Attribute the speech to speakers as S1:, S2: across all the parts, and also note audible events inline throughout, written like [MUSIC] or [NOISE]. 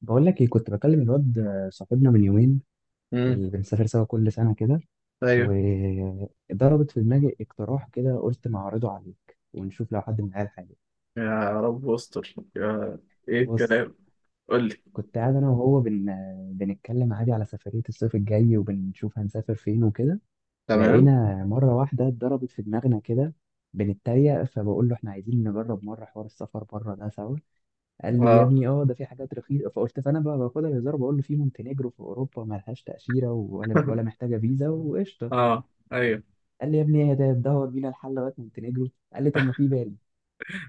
S1: بقول لك ايه؟ كنت بكلم الواد صاحبنا من يومين
S2: امم.
S1: اللي بنسافر سوا كل سنة كده،
S2: ايوه.
S1: وضربت في دماغي اقتراح كده. قلت ما اعرضه عليك ونشوف لو حد من العيال حاجة.
S2: يا رب استر، يا ايه
S1: بص،
S2: الكلام؟ قول لي.
S1: كنت قاعد انا وهو بنتكلم عادي على سفرية الصيف الجاي وبنشوف هنسافر فين وكده.
S2: تمام.
S1: لقينا مرة واحدة ضربت في دماغنا كده، بنتريق. فبقول له احنا عايزين نجرب مرة حوار السفر بره ده سوا. قال لي يا
S2: اه.
S1: ابني اه ده في حاجات رخيصه، فقلت، فانا بقى باخدها بهزار، بقول له في مونتينيجرو في اوروبا ما لهاش تاشيره ولا
S2: [LAUGHS]
S1: محتاجه فيزا وقشطه.
S2: اه، ايوه.
S1: قال لي يا ابني ايه ده، تدور بينا الحل لغايه مونتينيجرو؟ قال لي طب ما في بالي.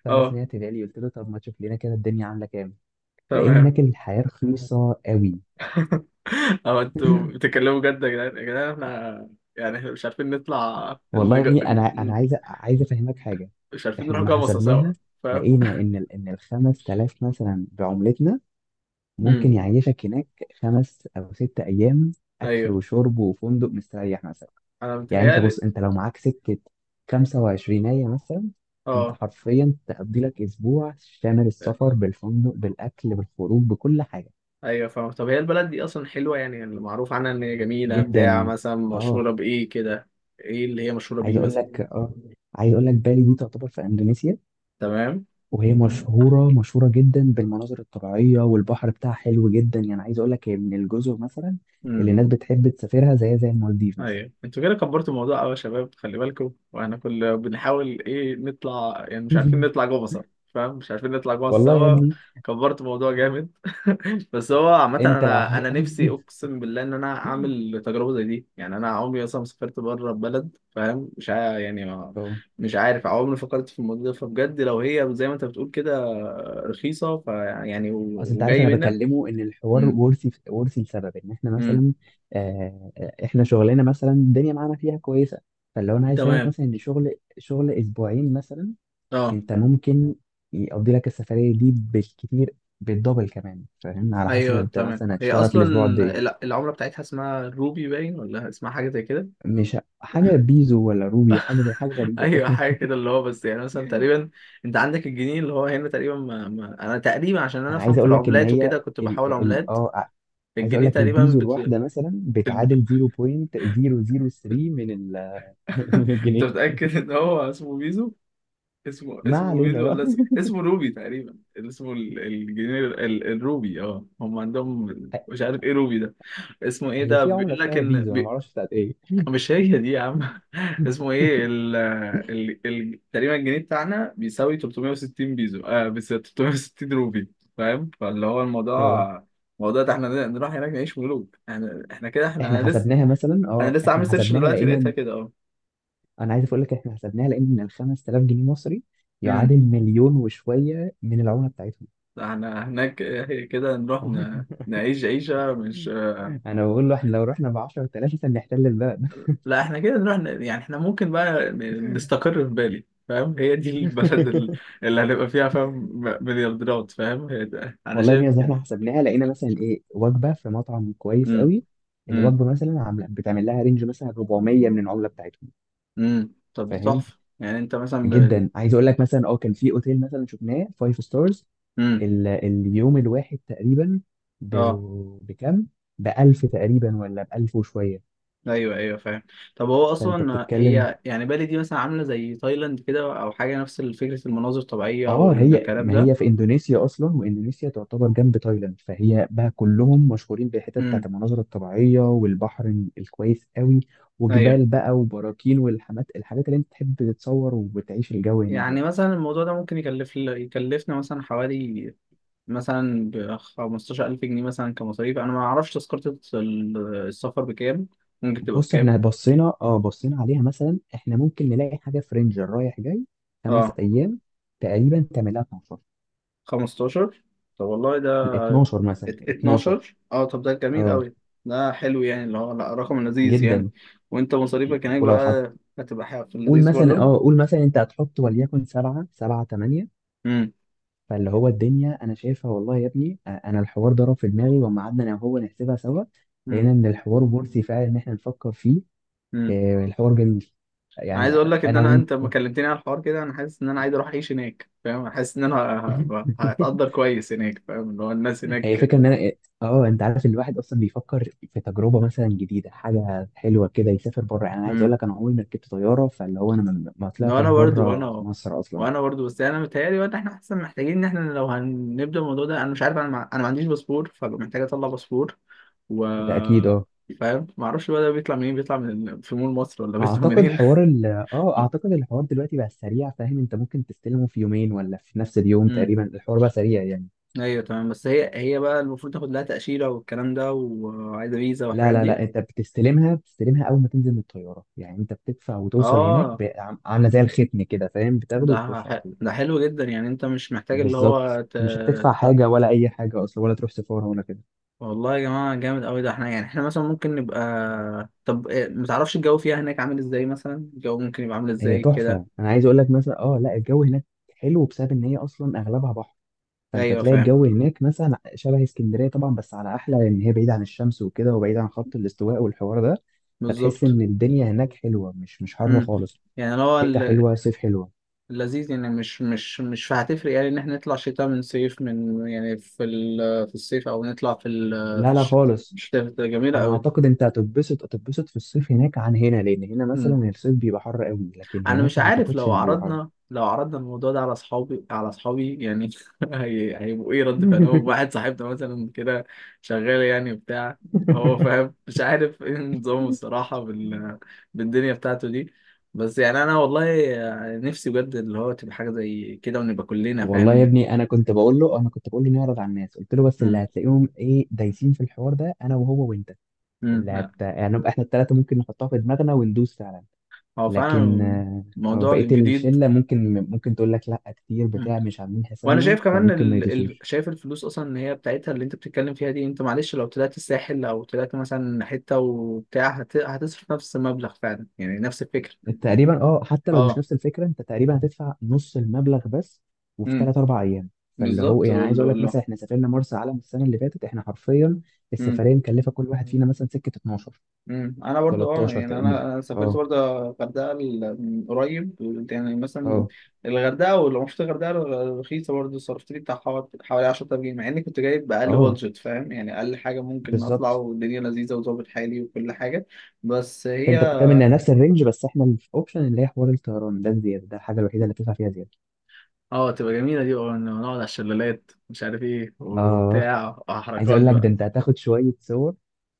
S1: فانا
S2: اه.
S1: سمعت بالي، قلت له طب ما تشوف لنا كده الدنيا عامله كام. لقينا
S2: تمام.
S1: هناك الحياه رخيصه قوي.
S2: [LAUGHS] اه، انتوا
S1: [LAUGHS]
S2: بتتكلموا جد يا جدعان يا جدعان. احنا مش عارفين نطلع
S1: والله يا ابني انا عايز عايز افهمك حاجه.
S2: مش عارفين
S1: احنا
S2: نروح
S1: لما
S2: جمصة سوا.
S1: حسبناها
S2: فاهم.
S1: لقينا ان ال 5000 مثلا بعملتنا
S2: امم
S1: ممكن يعيشك هناك 5 او 6 ايام، اكل
S2: ايوه.
S1: وشرب وفندق مستريح مثلا.
S2: انا
S1: يعني انت
S2: متهيألي.
S1: بص، انت لو معاك سكه 25 مثلا، انت
S2: اه،
S1: حرفيا تقضي لك اسبوع شامل السفر بالفندق بالاكل بالخروج بكل حاجه.
S2: ايوه، فاهم. طب هي البلد دي اصلا حلوة، يعني اللي معروف عنها ان هي جميلة بتاع،
S1: جدا.
S2: مثلا مشهورة
S1: اه،
S2: بايه كده؟ ايه اللي هي مشهورة
S1: عايز
S2: بيه
S1: اقول
S2: مثلا؟
S1: لك، بالي دي تعتبر في اندونيسيا،
S2: تمام.
S1: وهي مشهوره جدا بالمناظر الطبيعيه، والبحر بتاعها حلو جدا. يعني عايز اقول لك هي من الجزر مثلا اللي الناس بتحب تسافرها زي المالديف مثلا.
S2: ايوه، انتوا كده كبرتوا الموضوع قوي يا شباب، خلي بالكم، واحنا كل بنحاول ايه نطلع، يعني مش عارفين نطلع
S1: [LAUGHS]
S2: جوه سوا. فاهم، مش عارفين نطلع جوه
S1: والله يا
S2: سوا.
S1: ابني،
S2: كبرتوا الموضوع جامد. [LAUGHS] بس هو عامة
S1: انت لو
S2: انا نفسي
S1: [LAUGHS]
S2: اقسم بالله ان انا اعمل تجربة زي دي، يعني انا عمري اصلا ما سافرت بره البلد. فاهم. مش عا... يعني ما...
S1: اه،
S2: مش عارف، عمري ما فكرت في الموضوع ده، فبجد لو هي زي ما انت بتقول كده رخيصة، فيعني
S1: اصل انت عارف
S2: وجاي
S1: انا
S2: منها.
S1: بكلمه ان الحوار
S2: امم.
S1: ورثي ورثي لسبب ان احنا
S2: امم.
S1: مثلا، آه، احنا شغلنا مثلا الدنيا معانا فيها كويسه. فلو انا عايز افهمك
S2: تمام.
S1: مثلا ان شغل اسبوعين مثلا،
S2: اه،
S1: انت ممكن يقضي لك السفريه دي بالكتير، بالدبل كمان. فاهم؟ على حسب
S2: ايوه،
S1: انت
S2: تمام.
S1: مثلا
S2: هي
S1: هتشتغل في
S2: اصلا
S1: الاسبوع قد ايه.
S2: العمله بتاعتها اسمها روبي باين، ولا اسمها حاجه زي كده؟
S1: مش حاجه بيزو ولا روبي، حاجه زي حاجه
S2: [LAUGHS]
S1: غريبه
S2: ايوه،
S1: كده.
S2: حاجه
S1: [LAUGHS]
S2: كده، اللي هو بس يعني مثلا تقريبا انت عندك الجنيه اللي هو هنا تقريبا ما... ما... انا تقريبا عشان انا
S1: انا
S2: افهم
S1: عايز
S2: في
S1: اقول لك ان
S2: العملات
S1: هي
S2: وكده كنت
S1: ال
S2: بحاول
S1: ال
S2: عملات.
S1: اه عايز اقول
S2: الجنيه
S1: لك
S2: تقريبا
S1: البيزو الواحده مثلا
S2: ال-
S1: بتعادل 0.003 من ال- [LAUGHS] من
S2: انت
S1: الجنيه.
S2: متاكد ان هو اسمه بيزو؟ اسمه
S1: ما علينا
S2: بيزو
S1: بقى.
S2: ولا اسمه روبي؟ تقريبا اسمه الجنيه الروبي، اه، هم عندهم. مش
S1: [LAUGHS]
S2: عارف ايه روبي ده؟ اسمه ايه
S1: هي
S2: ده
S1: في عملة
S2: بيقول لك
S1: اسمها فيزا،
S2: ان...
S1: انا ما اعرفش بتاعت ايه.
S2: مش هي دي يا عم. [LAUGHS] اسمه ايه ال تقريبا الجنيه بتاعنا بيساوي 360 بيزو، اه، بس 360 روبي. فاهم. فاللي هو الموضوع،
S1: اه،
S2: الموضوع ده احنا نروح هناك نعيش ملوك. احنا كده، احنا
S1: احنا
S2: انا لسه
S1: حسبناها مثلا اه
S2: انا لسه
S1: احنا
S2: عامل سيرش
S1: حسبناها
S2: دلوقتي
S1: لقينا
S2: لقيتها كده. اه.
S1: انا عايز اقول لك احنا حسبناها لقينا ان ال 5000 جنيه مصري
S2: امم
S1: يعادل مليون وشوية من العملة بتاعتهم.
S2: احنا هناك هي كده نروح
S1: [LAUGHS]
S2: نعيش عيشة مش...
S1: انا بقول له احنا لو رحنا ب 10000 مثلا نحتل البلد.
S2: لا، احنا كده نروح يعني احنا ممكن بقى نستقر في بالي. فاهم. هي دي البلد
S1: [LAUGHS]
S2: اللي هنبقى فيها. فاهم. مليارديرات. فاهم. هي ده، انا
S1: والله
S2: شايف
S1: بجد
S2: كده.
S1: احنا حسبناها لقينا مثلا، ايه، وجبة في مطعم كويس
S2: امم.
S1: قوي.
S2: امم.
S1: الوجبة مثلا عاملة، بتعمل لها رينج مثلا 400 من العملة بتاعتهم.
S2: طب ده
S1: فاهم؟
S2: تحفة، يعني انت مثلا
S1: جدا. عايز اقول لك مثلا، اه، كان في اوتيل مثلا شفناه 5 ستارز.
S2: امم
S1: اليوم الواحد تقريبا ب...
S2: اه،
S1: بكام؟ بألف تقريبا ولا بألف وشوية.
S2: ايوه، ايوه، فاهم. طب هو
S1: فأنت
S2: اصلا
S1: بتتكلم،
S2: هي يعني بالي دي مثلا عاملة زي تايلاند كده، او حاجة نفس فكرة المناظر الطبيعية
S1: اه هي،
S2: والكلام
S1: ما
S2: ده؟
S1: هي في اندونيسيا اصلا، واندونيسيا تعتبر جنب تايلاند، فهي بقى كلهم مشهورين بالحتت بتاعت
S2: امم.
S1: المناظر الطبيعيه والبحر الكويس قوي،
S2: ايوه.
S1: وجبال بقى وبراكين، والحاجات اللي انت تحب تتصور وتعيش الجو هناك ده.
S2: يعني مثلا الموضوع ده ممكن يكلفنا مثلا حوالي مثلا ب 15000 جنيه مثلا كمصاريف. انا ما اعرفش تذكرة السفر بكام، ممكن تبقى
S1: بص،
S2: بكام؟
S1: احنا بصينا عليها مثلا، احنا ممكن نلاقي حاجه فرنجر رايح جاي خمس
S2: اه.
S1: ايام تقريبا تعملها في مصر
S2: 15. طب والله ده
S1: 12 مثلا 12
S2: 12. اه، طب ده جميل
S1: اه،
S2: قوي. ده حلو يعني، اللي هو لا، رقم لذيذ يعني.
S1: جدا.
S2: وانت مصاريفك هناك
S1: ولو حط،
S2: بقى هتبقى حاجة في
S1: قول
S2: اللذيذ
S1: مثلا،
S2: برضو.
S1: اه، قول مثلا انت هتحط وليكن سبعة 8.
S2: امم.
S1: فاللي هو الدنيا انا شايفها، والله يا ابني، آه، انا الحوار ضرب في دماغي، وما قعدنا انا وهو نحسبها سوا.
S2: امم.
S1: لقينا ان الحوار مرسي فعلا ان احنا نفكر فيه.
S2: امم
S1: آه، الحوار جميل يعني.
S2: عايز اقول لك ان
S1: انا وانت.
S2: انت ما كلمتني على الحوار كده انا حاسس ان انا عايز اروح اعيش هناك. فاهم. حاسس ان انا
S1: [LAUGHS]
S2: هتقدر كويس هناك. فاهم. اللي هو الناس
S1: هي الفكرة
S2: هناك.
S1: ان انا إيه، اه انت عارف ان الواحد اصلا بيفكر في تجربة مثلا جديدة، حاجة حلوة كده، يسافر بره. يعني انا عايز اقول لك انا عمري ما ركبت طيارة، فاللي هو انا ما طلعتش
S2: وانا برضه.
S1: بره
S2: وانا
S1: مصر اصلا.
S2: وانا برضه، بس انا متهيألي وقت احنا احسن محتاجين ان احنا لو هنبدأ الموضوع ده. انا مش عارف، انا ما عنديش باسبور، فبقى محتاج اطلع باسبور و
S1: ده اكيد، اه.
S2: فاهم. ما اعرفش بقى ده بيطلع منين، بيطلع من في مول مصر، ولا بيطلع
S1: اعتقد
S2: منين؟
S1: حوار ال، اه،
S2: [LAUGHS]
S1: اعتقد الحوار دلوقتي بقى سريع. فاهم؟ انت ممكن تستلمه في يومين ولا في نفس اليوم
S2: امم
S1: تقريبا. الحوار بقى سريع يعني.
S2: ايوه، تمام. بس هي بقى المفروض تاخد لها تأشيرة والكلام ده، وعايزة فيزا
S1: لا
S2: والحاجات
S1: لا لا
S2: دي.
S1: انت بتستلمها، بتستلمها اول ما تنزل من الطيارة. يعني انت بتدفع وتوصل هناك
S2: اه.
S1: ب-، عاملة زي الختم كده، فاهم؟ بتاخده
S2: ده
S1: وتخش على طول.
S2: ده حلو جدا، يعني انت مش محتاج اللي هو
S1: بالظبط، مش هتدفع
S2: ت...
S1: حاجه ولا اي حاجه اصلا، ولا تروح سفاره ولا كده.
S2: والله يا جماعة جامد أوي ده، احنا يعني احنا مثلا ممكن نبقى... طب إيه، متعرفش الجو فيها هناك عامل ازاي؟ مثلا الجو ممكن يبقى عامل
S1: هي
S2: ازاي كده؟
S1: تحفه. انا عايز اقول لك مثلا، اه، لا، الجو هناك حلو بسبب ان هي اصلا اغلبها بحر، فانت
S2: أيوة،
S1: تلاقي
S2: فاهم.
S1: الجو هناك مثلا شبه اسكندريه طبعا، بس على احلى، لان هي بعيده عن الشمس وكده، وبعيده عن خط الاستواء والحوار ده. فتحس
S2: بالظبط.
S1: ان الدنيا هناك حلوه، مش حر
S2: امم.
S1: خالص.
S2: يعني اللي هو
S1: شتاء حلوه، صيف حلوه.
S2: اللذيذ يعني، مش هتفرق يعني إن احنا نطلع شتاء من صيف من، يعني في في الصيف، أو نطلع في في
S1: لا لا خالص.
S2: الشتاء، جميلة
S1: انا
S2: أوي.
S1: اعتقد انت هتتبسط في الصيف هناك عن هنا، لان هنا
S2: إمم.
S1: مثلا الصيف بيبقى حر قوي، لكن
S2: انا
S1: هناك
S2: مش
S1: ما
S2: عارف
S1: اعتقدش
S2: لو
S1: ان بيبقى حر.
S2: عرضنا الموضوع ده على اصحابي، يعني [LAUGHS] هيبقوا ايه رد فعلهم؟ واحد صاحبنا مثلا كده شغال يعني وبتاع. هو فاهم، مش عارف ايه نظامه الصراحة
S1: [LAUGHS]
S2: بالدنيا بتاعته دي. بس يعني انا والله نفسي بجد اللي هو تبقى حاجة زي كده ونبقى كلنا.
S1: والله يا
S2: فاهم.
S1: ابني، انا كنت بقول له نعرض على الناس. قلت له بس اللي
S2: مم.
S1: هتلاقيهم ايه دايسين في الحوار ده انا وهو وانت.
S2: مم.
S1: اللي
S2: لا،
S1: هت، يعني، نبقى احنا الثلاثه ممكن نحطها في دماغنا وندوس فعلا.
S2: هو
S1: لكن
S2: فعلا
S1: آه، أو
S2: موضوع
S1: بقيه
S2: جديد.
S1: الشله ممكن تقول لك لا، كتير بتاع مش عاملين
S2: وانا
S1: حسابنا،
S2: شايف كمان
S1: فممكن ما يدوسوش.
S2: شايف الفلوس اصلا، ان هي بتاعتها اللي انت بتتكلم فيها دي، انت معلش لو طلعت الساحل او طلعت مثلا حته وبتاع هتصرف نفس المبلغ فعلا، يعني نفس الفكره.
S1: تقريبا، اه، حتى لو مش
S2: اه.
S1: نفس الفكره، انت تقريبا هتدفع نص المبلغ بس، وفي
S2: امم
S1: 3 او 4 ايام. فاللي هو،
S2: بالظبط.
S1: يعني، عايز
S2: ولا
S1: اقول لك
S2: ولا
S1: مثلا، احنا سافرنا مرسى علم السنه اللي فاتت، احنا حرفيا
S2: امم.
S1: السفريه مكلفه كل واحد فينا مثلا سكه 12،
S2: انا برضو، اه،
S1: 13
S2: يعني انا
S1: تقريبا.
S2: أنا سافرت
S1: اه،
S2: برضو الغردقه من قريب. يعني مثلا
S1: اه،
S2: الغردقه ولو مش الغردقه رخيصه برضو، صرفت لي بتاع حوالي 10000 جنيه مع اني كنت جايب اقل
S1: اه،
S2: بادجت. فاهم. يعني اقل حاجه ممكن اطلع،
S1: بالظبط.
S2: والدنيا لذيذه وظابط حالي وكل حاجه. بس هي...
S1: فانت بتتكلم انها نفس الرينج، بس احنا اللي في اوبشن اللي هي حوار الطيران ده، الزياده، ده الحاجه الوحيده اللي بتدفع فيها زياده.
S2: اه، تبقى جميلة دي، اه، إنه نقعد على الشلالات مش عارف ايه
S1: اه،
S2: وبتاع
S1: عايز
S2: وحركات
S1: اقول لك ده
S2: بقى.
S1: انت هتاخد شويه صور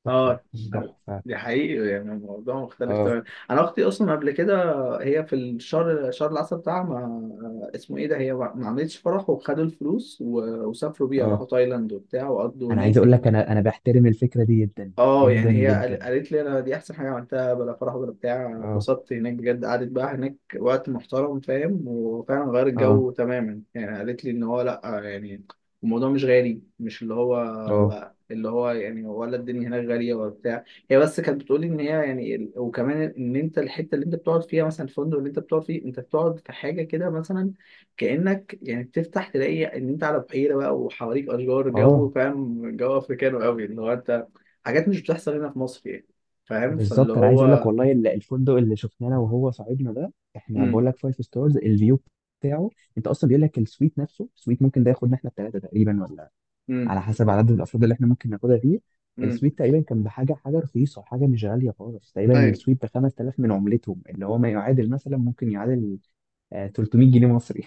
S1: تحفه،
S2: اه.
S1: تحفه.
S2: دي حقيقي يعني، الموضوع مختلف
S1: اه،
S2: تماما. انا اختي اصلا قبل كده هي في الشهر، شهر العسل بتاعها، ما اسمه ايه ده، هي ما عملتش فرح، وخدوا الفلوس وسافروا بيها،
S1: اه.
S2: راحوا تايلاند وبتاع وقضوا
S1: انا عايز اقول
S2: هناك.
S1: لك انا بحترم الفكره دي جدا
S2: اه،
S1: جدا
S2: يعني هي
S1: جدا.
S2: قالت لي انا دي احسن حاجه عملتها، بلا فرح ولا بتاع، أنا
S1: اه،
S2: انبسطت هناك بجد، قعدت بقى هناك وقت محترم. فاهم. وفعلا غير
S1: اه،
S2: الجو تماما، يعني قالت لي ان هو لا، يعني الموضوع مش غالي، مش اللي هو
S1: اه،
S2: بقى اللي هو، يعني ولا الدنيا هناك غاليه ولا بتاع. هي بس كانت بتقولي ان هي، يعني وكمان ان انت الحته اللي انت بتقعد فيها مثلا، الفندق اللي انت بتقعد فيه، انت بتقعد في حاجه كده مثلا كانك يعني بتفتح تلاقي ان انت على بحيره بقى وحواليك اشجار،
S1: اه،
S2: جو. فاهم. جو افريكانو قوي، اللي هو انت حاجات مش بتحصل هنا في مصر يعني. فاهم. فاللي
S1: بالظبط. انا عايز اقول لك
S2: هو...
S1: والله الفندق اللي شفناه انا وهو صاحبنا ده، احنا
S2: امم.
S1: بقول لك فايف ستارز. الفيو بتاعه، انت اصلا بيقول لك السويت نفسه، السويت ممكن ده ياخدنا احنا الثلاثه تقريبا، ولا
S2: امم.
S1: على حسب عدد الافراد اللي احنا ممكن ناخدها فيه.
S2: امم
S1: السويت تقريبا كان بحاجه، حاجه رخيصه، حاجه مش غاليه خالص. تقريبا
S2: ايوه.
S1: السويت ب 5000 من عملتهم، اللي هو ما يعادل مثلا، ممكن يعادل، آه، 300 جنيه مصري.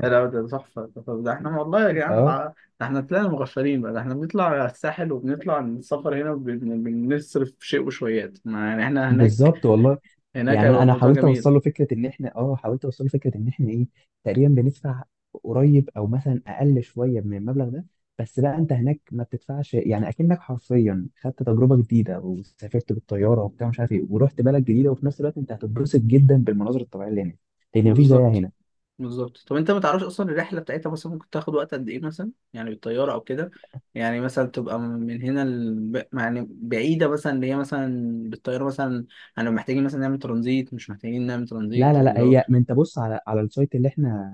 S2: لا، لا، ده تحفه ده، ده احنا والله يا
S1: [LAUGHS]
S2: جدعان
S1: اه،
S2: ده احنا طلعنا مغفلين بقى. ده احنا بنطلع على الساحل وبنطلع السفر هنا بنصرف شيء وشويات، ما يعني احنا هناك.
S1: بالظبط والله.
S2: هناك
S1: يعني انا
S2: هيبقى
S1: أنا
S2: الموضوع
S1: حاولت
S2: جميل.
S1: اوصل له فكره ان احنا، اه، حاولت اوصل له فكره ان احنا ايه، تقريبا بندفع قريب او مثلا اقل شويه من المبلغ ده، بس بقى انت هناك ما بتدفعش. يعني اكنك حرفيا خدت تجربه جديده وسافرت بالطياره وبتاع مش عارف ايه، ورحت بلد جديده، وفي نفس الوقت انت هتتبسط جدا بالمناظر الطبيعيه اللي هناك، لان مفيش زيها
S2: بالظبط.
S1: هنا.
S2: بالظبط. طب انت ما تعرفش اصلا الرحله بتاعتها مثلا ممكن تاخد وقت قد ايه مثلا، يعني بالطياره او كده؟ يعني مثلا تبقى من هنا يعني بعيده مثلا اللي هي مثلا بالطياره مثلا. انا محتاجين مثلا نعمل ترانزيت مش محتاجين نعمل
S1: لا
S2: ترانزيت
S1: لا لا
S2: اللي هو.
S1: هي، ما انت بص على السايت اللي احنا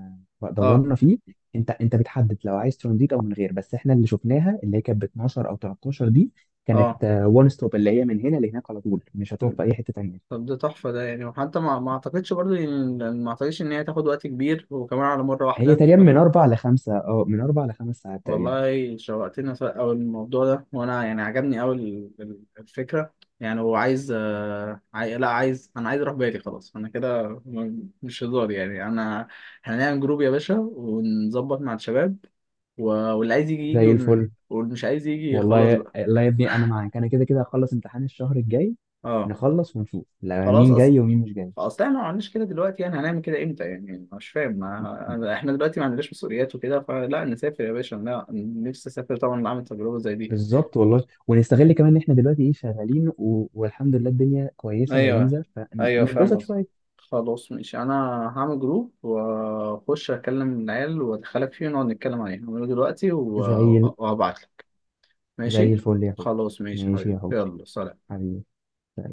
S2: اه.
S1: دورنا فيه، انت بتحدد لو عايز ترانزيت او من غير، بس احنا اللي شفناها اللي هي كانت ب 12 او 13 دي
S2: اه.
S1: كانت. وان ستوب اللي هي من هنا لهناك على طول، مش
S2: م.
S1: هتقف في اي حته تانيه.
S2: طب ده تحفه ده يعني، وحتى ما اعتقدش برضه ما اعتقدش ان هي تاخد وقت كبير وكمان على مره
S1: هي
S2: واحده.
S1: تقريبا من اربع لخمسه، اه، من 4 لـ5 ساعات تقريبا.
S2: والله شوقتني أوي الموضوع ده، وأنا يعني عجبني أوي الفكرة. يعني هو عايز لا عايز، أنا عايز أروح بالي، خلاص، أنا كده مش هزار يعني أنا. هنعمل جروب يا باشا ونظبط مع الشباب، واللي عايز يجي يجي،
S1: زي الفل.
S2: واللي مش عايز يجي خلاص
S1: والله،
S2: بقى.
S1: لا يا ابني، انا معاك. انا كده كده هخلص امتحان الشهر الجاي،
S2: أه.
S1: نخلص ونشوف لا
S2: خلاص.
S1: مين
S2: أصل
S1: جاي ومين مش جاي.
S2: اصل احنا ما عملناش كده دلوقتي، يعني هنعمل كده امتى يعني؟ مش فاهم. ما... احنا دلوقتي ما عندناش مسؤوليات وكده، فلا، نسافر يا باشا، لا، نفسي اسافر طبعا، اعمل تجربه زي دي.
S1: بالظبط والله، ونستغل كمان ان احنا دلوقتي، ايه، شغالين و... والحمد لله الدنيا كويسه
S2: ايوه.
S1: لذيذه،
S2: ايوه، فاهم
S1: فنتبسط
S2: قصدي.
S1: شويه.
S2: خلاص، ماشي. انا هعمل جروب واخش اكلم العيال وادخلك فيه ونقعد نتكلم عليه. هعمله دلوقتي
S1: زي ال...
S2: وهبعت لك.
S1: زي
S2: ماشي.
S1: الفل يا حبي.
S2: خلاص، ماشي يا
S1: ماشي
S2: حبيبي،
S1: يا حبي،
S2: يلا سلام.
S1: حبيبي.